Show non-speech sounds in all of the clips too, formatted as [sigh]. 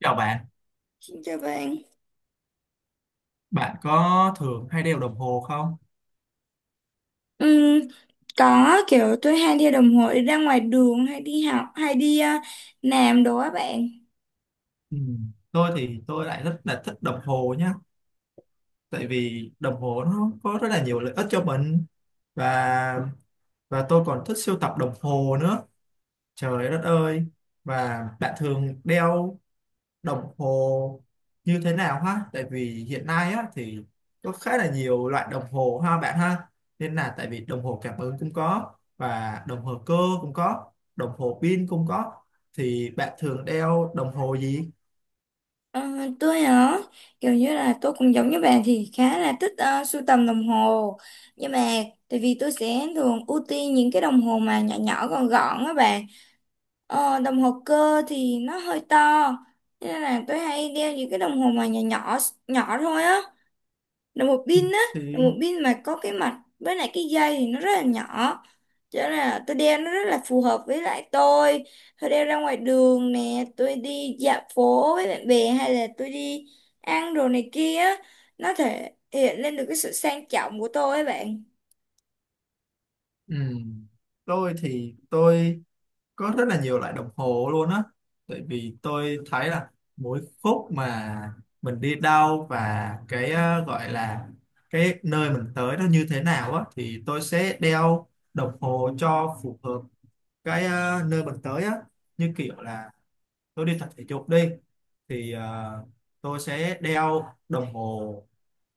Chào bạn, Xin chào bạn. bạn có thường hay đeo đồng hồ không? Ừm, có kiểu tôi hay đeo đồng hồ đi ra ngoài đường hay đi học hay đi làm đồ á bạn. Ừ. Tôi thì tôi lại rất là thích đồng hồ nhá, tại vì đồng hồ nó có rất là nhiều lợi ích cho mình, và và tôi còn thích sưu tập đồng hồ nữa. Trời đất ơi! Và bạn thường đeo đồng hồ như thế nào ha, tại vì hiện nay á thì có khá là nhiều loại đồng hồ ha bạn ha, nên là tại vì đồng hồ cảm ứng cũng có, và đồng hồ cơ cũng có, đồng hồ pin cũng có, thì bạn thường đeo đồng hồ gì? Ờ, tôi hả? Kiểu như là tôi cũng giống như bạn thì khá là thích sưu tầm đồng hồ, nhưng mà tại vì tôi sẽ thường ưu tiên những cái đồng hồ mà nhỏ nhỏ gọn gọn á bạn. Đồng hồ cơ thì nó hơi to, cho nên là tôi hay đeo những cái đồng hồ mà nhỏ nhỏ nhỏ thôi á, đồng hồ pin á. Đồng Thì hồ pin mà có cái mặt với lại cái dây thì nó rất là nhỏ, cho nên là tôi đeo nó rất là phù hợp với lại tôi. Tôi đeo ra ngoài đường nè, tôi đi dạo phố với bạn bè hay là tôi đi ăn đồ này kia á, nó thể hiện lên được cái sự sang trọng của tôi ấy bạn. ừm, tôi thì tôi có rất là nhiều loại đồng hồ luôn á, tại vì tôi thấy là mỗi khúc mà mình đi đâu, và cái gọi là cái nơi mình tới nó như thế nào á, thì tôi sẽ đeo đồng hồ cho phù hợp cái nơi mình tới á. Như kiểu là tôi đi tập thể dục đi, thì tôi sẽ đeo đồng hồ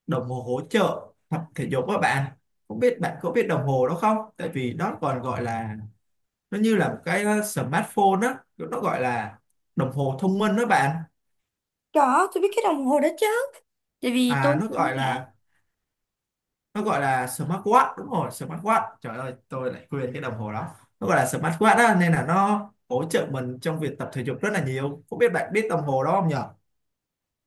đồng hồ hỗ trợ tập thể dục các bạn. Không biết bạn có biết đồng hồ đó không, tại vì đó còn gọi là, nó như là một cái smartphone á, nó gọi là đồng hồ thông minh đó bạn. Có, tôi biết cái đồng hồ đó chứ, tại vì tôi À, nó cũng gọi khá. là nó gọi là smartwatch, đúng rồi, smartwatch, trời ơi tôi lại quên cái đồng hồ đó. Nó gọi là smartwatch á, nên là nó hỗ trợ mình trong việc tập thể dục rất là nhiều, không biết bạn biết đồng hồ đó không nhỉ?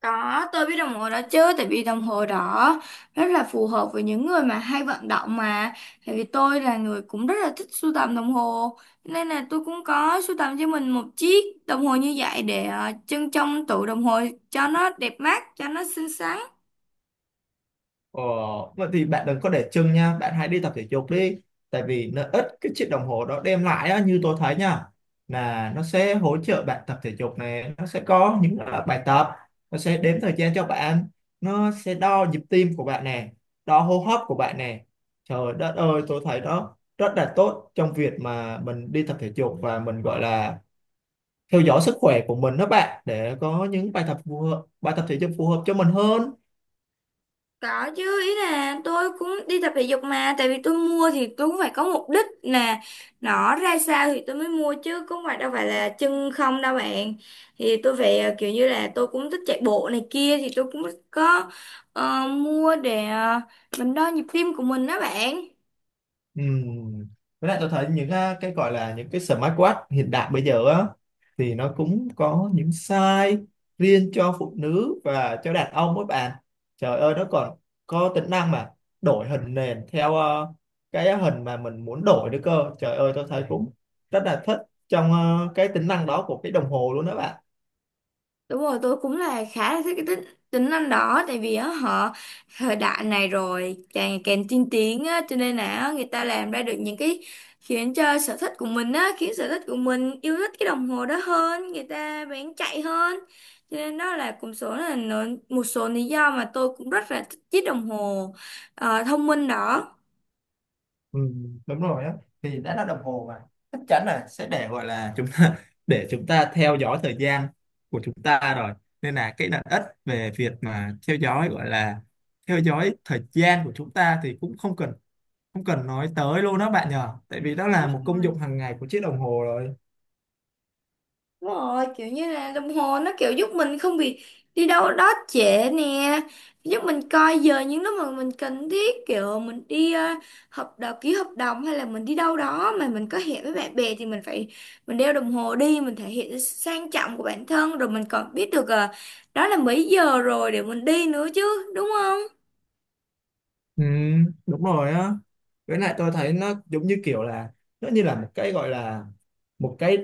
Có, tôi biết đồng hồ đó chứ, tại vì đồng hồ đó rất là phù hợp với những người mà hay vận động mà. Tại vì tôi là người cũng rất là thích sưu tầm đồng hồ, nên là tôi cũng có sưu tầm cho mình một chiếc đồng hồ như vậy để trưng trong tủ đồng hồ cho nó đẹp mắt, cho nó xinh xắn. Ờ, vậy thì bạn đừng có để chừng nha, bạn hãy đi tập thể dục đi. Tại vì lợi ích cái chiếc đồng hồ đó đem lại á, như tôi thấy nha, là nó sẽ hỗ trợ bạn tập thể dục này, nó sẽ có những bài tập, nó sẽ đếm thời gian cho bạn, nó sẽ đo nhịp tim của bạn nè, đo hô hấp của bạn nè. Trời đất ơi, tôi thấy đó rất là tốt trong việc mà mình đi tập thể dục, và mình gọi là theo dõi sức khỏe của mình đó bạn, để có những bài tập phù hợp, bài tập thể dục phù hợp cho mình hơn. Có chứ, ý là tôi cũng đi tập thể dục mà. Tại vì tôi mua thì tôi cũng phải có mục đích nè. Nó ra sao thì tôi mới mua chứ, cũng phải đâu phải là chân không đâu bạn. Thì tôi phải kiểu như là tôi cũng thích chạy bộ này kia. Thì tôi cũng có mua để mình đo nhịp tim của mình đó bạn. Ừm. Với lại tôi thấy những cái gọi là những cái smartwatch hiện đại bây giờ á, thì nó cũng có những size riêng cho phụ nữ và cho đàn ông các bạn. Trời ơi nó còn có tính năng mà đổi hình nền theo cái hình mà mình muốn đổi nữa cơ. Trời ơi tôi thấy cũng rất là thích trong cái tính năng đó của cái đồng hồ luôn đó bạn. Đúng rồi, tôi cũng là khá là thích cái tính năng đó, tại vì á, họ thời đại này rồi càng càng tiên tiến á, cho nên là á, người ta làm ra được những cái khiến cho sở thích của mình á, khiến sở thích của mình yêu thích cái đồng hồ đó hơn, người ta bán chạy hơn. Cho nên đó là cũng một số lý do mà tôi cũng rất là thích chiếc đồng hồ thông minh đó. Ừ, đúng rồi á, thì đã là đồng hồ mà, chắc chắn là sẽ để gọi là chúng ta [laughs] để chúng ta theo dõi thời gian của chúng ta rồi, nên là cái lợi ích về việc mà theo dõi gọi là theo dõi thời gian của chúng ta thì cũng không cần nói tới luôn đó bạn nhờ, tại vì đó là một công dụng hàng ngày của chiếc đồng hồ rồi. Đúng rồi, kiểu như là đồng hồ nó kiểu giúp mình không bị đi đâu đó trễ nè, giúp mình coi giờ những lúc mà mình cần thiết, kiểu mình đi hợp đồng, ký hợp đồng hay là mình đi đâu đó mà mình có hẹn với bạn bè thì mình phải mình đeo đồng hồ đi, mình thể hiện sự sang trọng của bản thân rồi mình còn biết được đó là mấy giờ rồi để mình đi nữa chứ, đúng không? Ừ, đúng rồi á, với lại tôi thấy nó giống như kiểu là, nó như là một cái gọi là một cái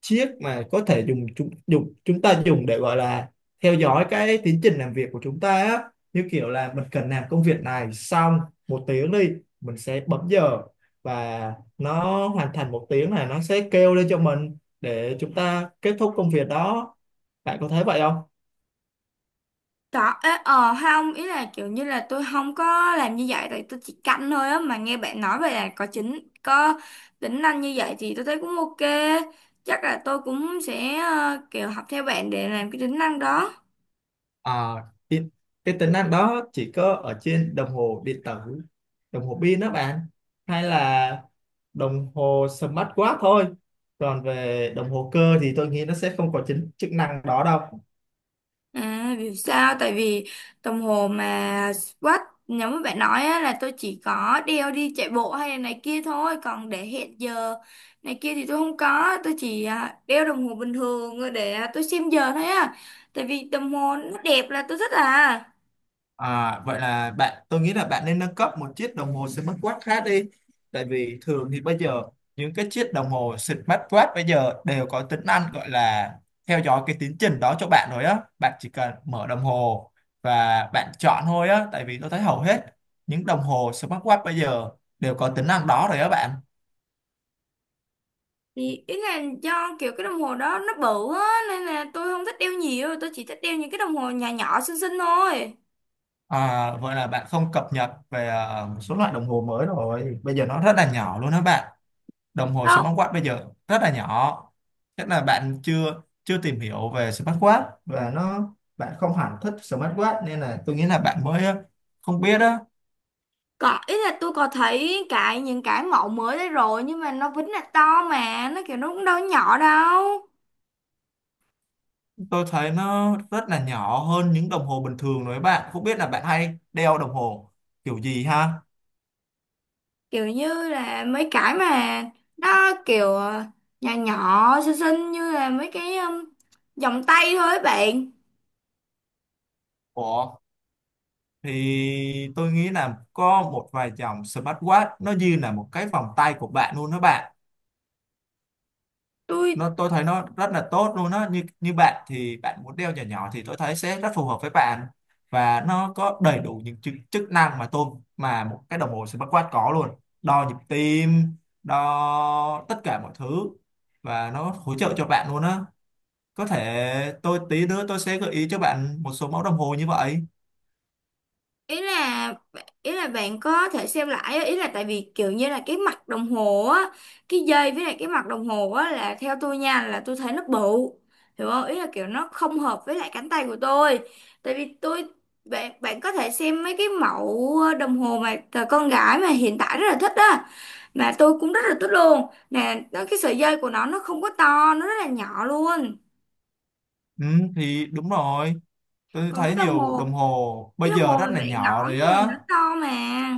chiếc mà có thể dùng chúng ta dùng để gọi là theo dõi cái tiến trình làm việc của chúng ta á. Như kiểu là mình cần làm công việc này xong một tiếng đi, mình sẽ bấm giờ, và nó hoàn thành một tiếng này, nó sẽ kêu lên cho mình để chúng ta kết thúc công việc đó. Bạn có thấy vậy không? Đó, ế, ờ hay không, ý là kiểu như là tôi không có làm như vậy, tại tôi chỉ canh thôi á, mà nghe bạn nói vậy là có có tính năng như vậy thì tôi thấy cũng ok. Chắc là tôi cũng sẽ kiểu học theo bạn để làm cái tính năng đó. À, cái, cái tính năng đó chỉ có ở trên đồng hồ điện tử, đồng hồ pin đó bạn, hay là đồng hồ smartwatch thôi, còn về đồng hồ cơ thì tôi nghĩ nó sẽ không có chính chức năng đó đâu. À, vì sao? Tại vì đồng hồ mà watch giống như bạn nói á, là tôi chỉ có đeo đi chạy bộ hay là này kia thôi, còn để hẹn giờ này kia thì tôi không có, tôi chỉ đeo đồng hồ bình thường để tôi xem giờ thôi á, tại vì đồng hồ nó đẹp là tôi thích à. Vậy là bạn, tôi nghĩ là bạn nên nâng cấp một chiếc đồng hồ smartwatch khác đi, tại vì thường thì bây giờ những cái chiếc đồng hồ smartwatch bây giờ đều có tính năng gọi là theo dõi cái tiến trình đó cho bạn rồi á, bạn chỉ cần mở đồng hồ và bạn chọn thôi á, tại vì tôi thấy hầu hết những đồng hồ smartwatch bây giờ đều có tính năng đó rồi á bạn. Thì ý là do kiểu cái đồng hồ đó nó bự á, nên là tôi không thích đeo, nhiều tôi chỉ thích đeo những cái đồng hồ nhỏ nhỏ xinh xinh À, vậy là bạn không cập nhật về một số loại đồng hồ mới rồi. Bây giờ nó rất là nhỏ luôn đó bạn. Đồng hồ thôi. smartwatch bây giờ rất là nhỏ. Chắc là bạn chưa chưa tìm hiểu về smartwatch, và nó bạn không hẳn thích smartwatch, nên là tôi nghĩ là bạn mới không biết á. Có, ý là tôi có thấy cái những cái mẫu mới đấy rồi nhưng mà nó vẫn là to mà, nó kiểu nó cũng đâu có nhỏ đâu. Tôi thấy nó rất là nhỏ hơn những đồng hồ bình thường đấy bạn. Không biết là bạn hay đeo đồng hồ kiểu gì ha? Kiểu như là mấy cái mà nó kiểu nhỏ nhỏ xinh xinh như là mấy cái vòng tay thôi ấy bạn. Ủa, thì tôi nghĩ là có một vài dòng smartwatch nó như là một cái vòng tay của bạn luôn đó bạn, tôi nó tôi thấy nó rất là tốt luôn á, như như bạn thì bạn muốn đeo nhỏ nhỏ thì tôi thấy sẽ rất phù hợp với bạn, và nó có đầy đủ những chức năng mà một cái đồng hồ smartwatch có luôn, đo nhịp tim, đo tất cả mọi thứ, và nó hỗ trợ cho bạn luôn á. Có thể tôi tí nữa tôi sẽ gợi ý cho bạn một số mẫu đồng hồ như vậy. Ý là ý là bạn có thể xem lại á, ý là tại vì kiểu như là cái mặt đồng hồ á, cái dây với lại cái mặt đồng hồ á là theo tôi nha, là tôi thấy nó bự, hiểu không? Ý là kiểu nó không hợp với lại cánh tay của tôi. Tại vì tôi bạn bạn có thể xem mấy cái mẫu đồng hồ mà cờ con gái mà hiện tại rất là thích á, mà tôi cũng rất là thích luôn nè. Cái sợi dây của nó không có to, nó rất là nhỏ luôn. Ừ, thì đúng rồi, tôi Còn cái thấy nhiều đồng hồ bây đồng giờ hồ mà rất là bạn nhỏ nói rồi nè á. nó to mà.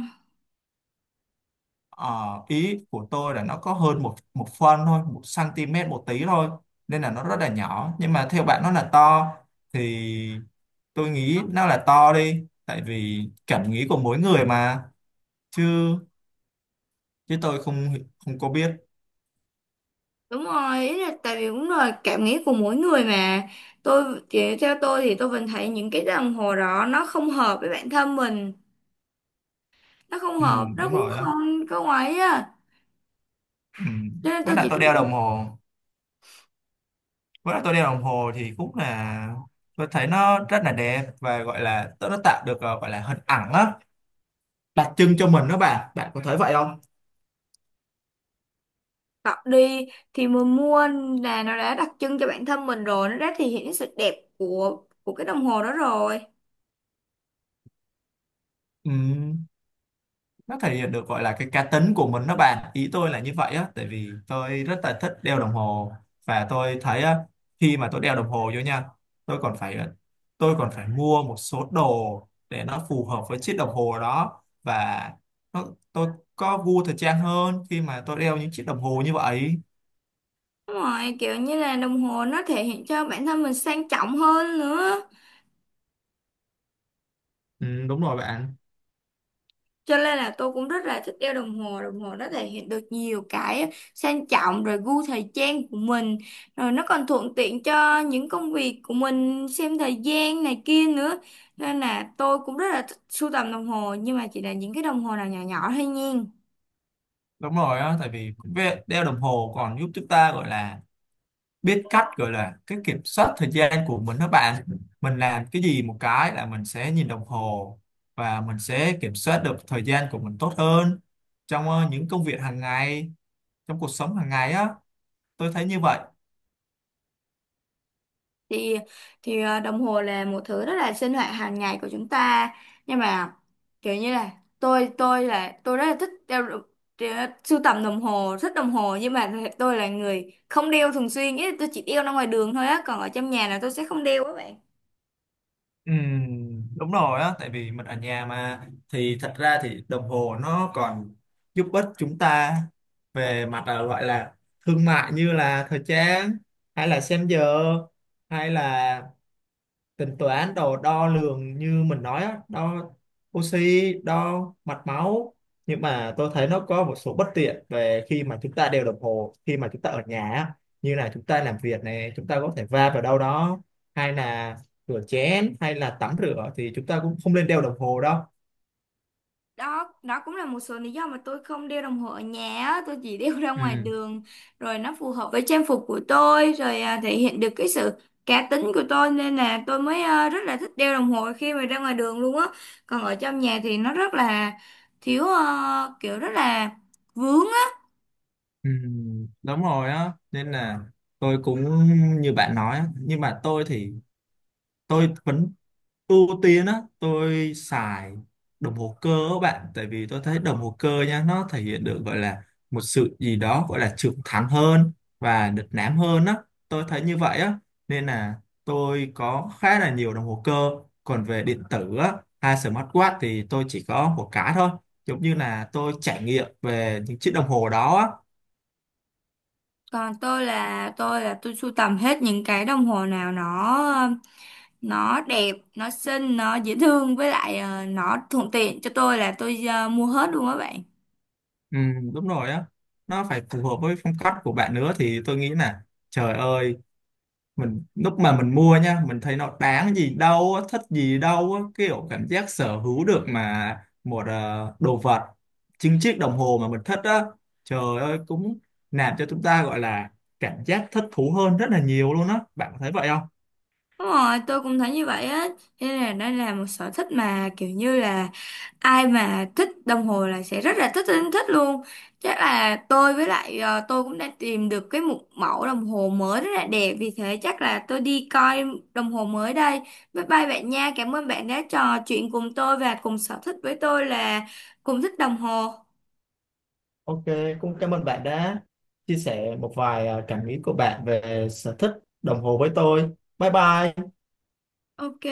Ờ, ý của tôi là nó có hơn một một phân thôi, một cm một tí thôi, nên là nó rất là nhỏ, nhưng mà theo bạn nó là to thì tôi nghĩ nó là to đi, tại vì cảm nghĩ của mỗi người mà, chứ chứ tôi không không có biết. Đúng rồi, ý là tại vì cũng là cảm nghĩ của mỗi người mà. Tôi chỉ theo tôi thì tôi vẫn thấy những cái đồng hồ đó nó không hợp với bản thân mình, nó không Ừ, hợp, nó đúng cũng rồi á. không có ngoái á. Ừ. Cho nên với tôi lại chỉ tôi đeo đồng hồ với lại tôi đeo đồng hồ thì cũng là, tôi thấy nó rất là đẹp, và gọi là nó tạo được gọi là hình ảnh á đặc trưng cho mình đó bạn. Bạn có thấy vậy không? tập đi thì mình mua là nó đã đặc trưng cho bản thân mình rồi, nó đã thể hiện sự đẹp của cái đồng hồ đó rồi. Ừ. Nó thể hiện được gọi là cái cá tính của mình đó bạn, ý tôi là như vậy á, tại vì tôi rất là thích đeo đồng hồ, và tôi thấy á, khi mà tôi đeo đồng hồ vô nha, tôi còn phải ờ, tôi còn phải mua một số đồ để nó phù hợp với chiếc đồng hồ đó, và nó, tôi có gu thời trang hơn khi mà tôi đeo những chiếc đồng hồ như vậy. Đúng rồi, kiểu như là đồng hồ nó thể hiện cho bản thân mình sang trọng hơn nữa. Ừ, đúng rồi bạn. Cho nên là tôi cũng rất là thích đeo đồng hồ, đồng hồ nó thể hiện được nhiều cái sang trọng rồi gu thời trang của mình, rồi nó còn thuận tiện cho những công việc của mình xem thời gian này kia nữa, nên là tôi cũng rất là thích sưu tầm đồng hồ nhưng mà chỉ là những cái đồng hồ nào nhỏ nhỏ thôi nha. Đúng rồi á, tại vì đeo đồng hồ còn giúp chúng ta gọi là biết cách gọi là cái kiểm soát thời gian của mình đó bạn. Mình làm cái gì một cái là mình sẽ nhìn đồng hồ, và mình sẽ kiểm soát được thời gian của mình tốt hơn trong những công việc hàng ngày, trong cuộc sống hàng ngày á. Tôi thấy như vậy. thì Đồng hồ là một thứ rất là sinh hoạt hàng ngày của chúng ta, nhưng mà kiểu như là tôi là tôi rất là thích sưu tầm đồng hồ, thích đồng hồ, nhưng mà tôi là người không đeo thường xuyên, ý là tôi chỉ đeo ra ngoài đường thôi á, còn ở trong nhà là tôi sẽ không đeo các bạn. Đúng rồi á, tại vì mình ở nhà mà thì thật ra thì đồng hồ nó còn giúp ích chúng ta về mặt là gọi là thương mại, như là thời trang, hay là xem giờ, hay là tính toán đồ đo lường như mình nói á, đo oxy, đo mạch máu. Nhưng mà tôi thấy nó có một số bất tiện về khi mà chúng ta đeo đồng hồ khi mà chúng ta ở nhà á. Như là chúng ta làm việc này chúng ta có thể va vào đâu đó, hay là rửa chén hay là tắm rửa thì chúng ta cũng không nên đeo đồng hồ đâu. Đó đó cũng là một số lý do mà tôi không đeo đồng hồ ở nhà á. Tôi chỉ đeo ra ngoài Ừ, đường rồi nó phù hợp với trang phục của tôi rồi thể hiện được cái sự cá tính của tôi, nên là tôi mới rất là thích đeo đồng hồ khi mà ra ngoài đường luôn á. Còn ở trong nhà thì nó rất là thiếu kiểu rất là vướng á. ừ, đúng rồi á, nên là tôi cũng như bạn nói á. Nhưng mà tôi thì tôi vẫn ưu tiên á, tôi xài đồng hồ cơ các bạn, tại vì tôi thấy đồng hồ cơ nha, nó thể hiện được gọi là một sự gì đó gọi là trưởng thành hơn và đlịch lãm hơn á, tôi thấy như vậy á. Nên là tôi có khá là nhiều đồng hồ cơ, còn về điện tử á hay smartwatch thì tôi chỉ có một cái thôi, giống như là tôi trải nghiệm về những chiếc đồng hồ đó á. Còn tôi là tôi sưu tầm hết những cái đồng hồ nào nó nó đẹp, nó xinh, nó dễ thương với lại nó thuận tiện cho tôi là tôi mua hết luôn á bạn. Ừ, đúng rồi á, nó phải phù hợp với phong cách của bạn nữa, thì tôi nghĩ là, trời ơi, mình lúc mà mình mua nha mình thấy nó đáng gì đâu á, thích gì đâu á, kiểu cảm giác sở hữu được mà một đồ vật, chính chiếc đồng hồ mà mình thích á, trời ơi cũng làm cho chúng ta gọi là cảm giác thích thú hơn rất là nhiều luôn á. Bạn có thấy vậy không? Đúng rồi, tôi cũng thấy như vậy á. Thế là đây là một sở thích mà kiểu như là ai mà thích đồng hồ là sẽ rất là thích thích, thích luôn. Chắc là tôi với lại tôi cũng đã tìm được cái một mẫu đồng hồ mới rất là đẹp. Vì thế chắc là tôi đi coi đồng hồ mới đây. Bye bye bạn nha. Cảm ơn bạn đã trò chuyện cùng tôi và cùng sở thích với tôi là cùng thích đồng hồ. Ok, cũng cảm ơn bạn đã chia sẻ một vài cảm nghĩ của bạn về sở thích đồng hồ với tôi. Bye bye. Ok.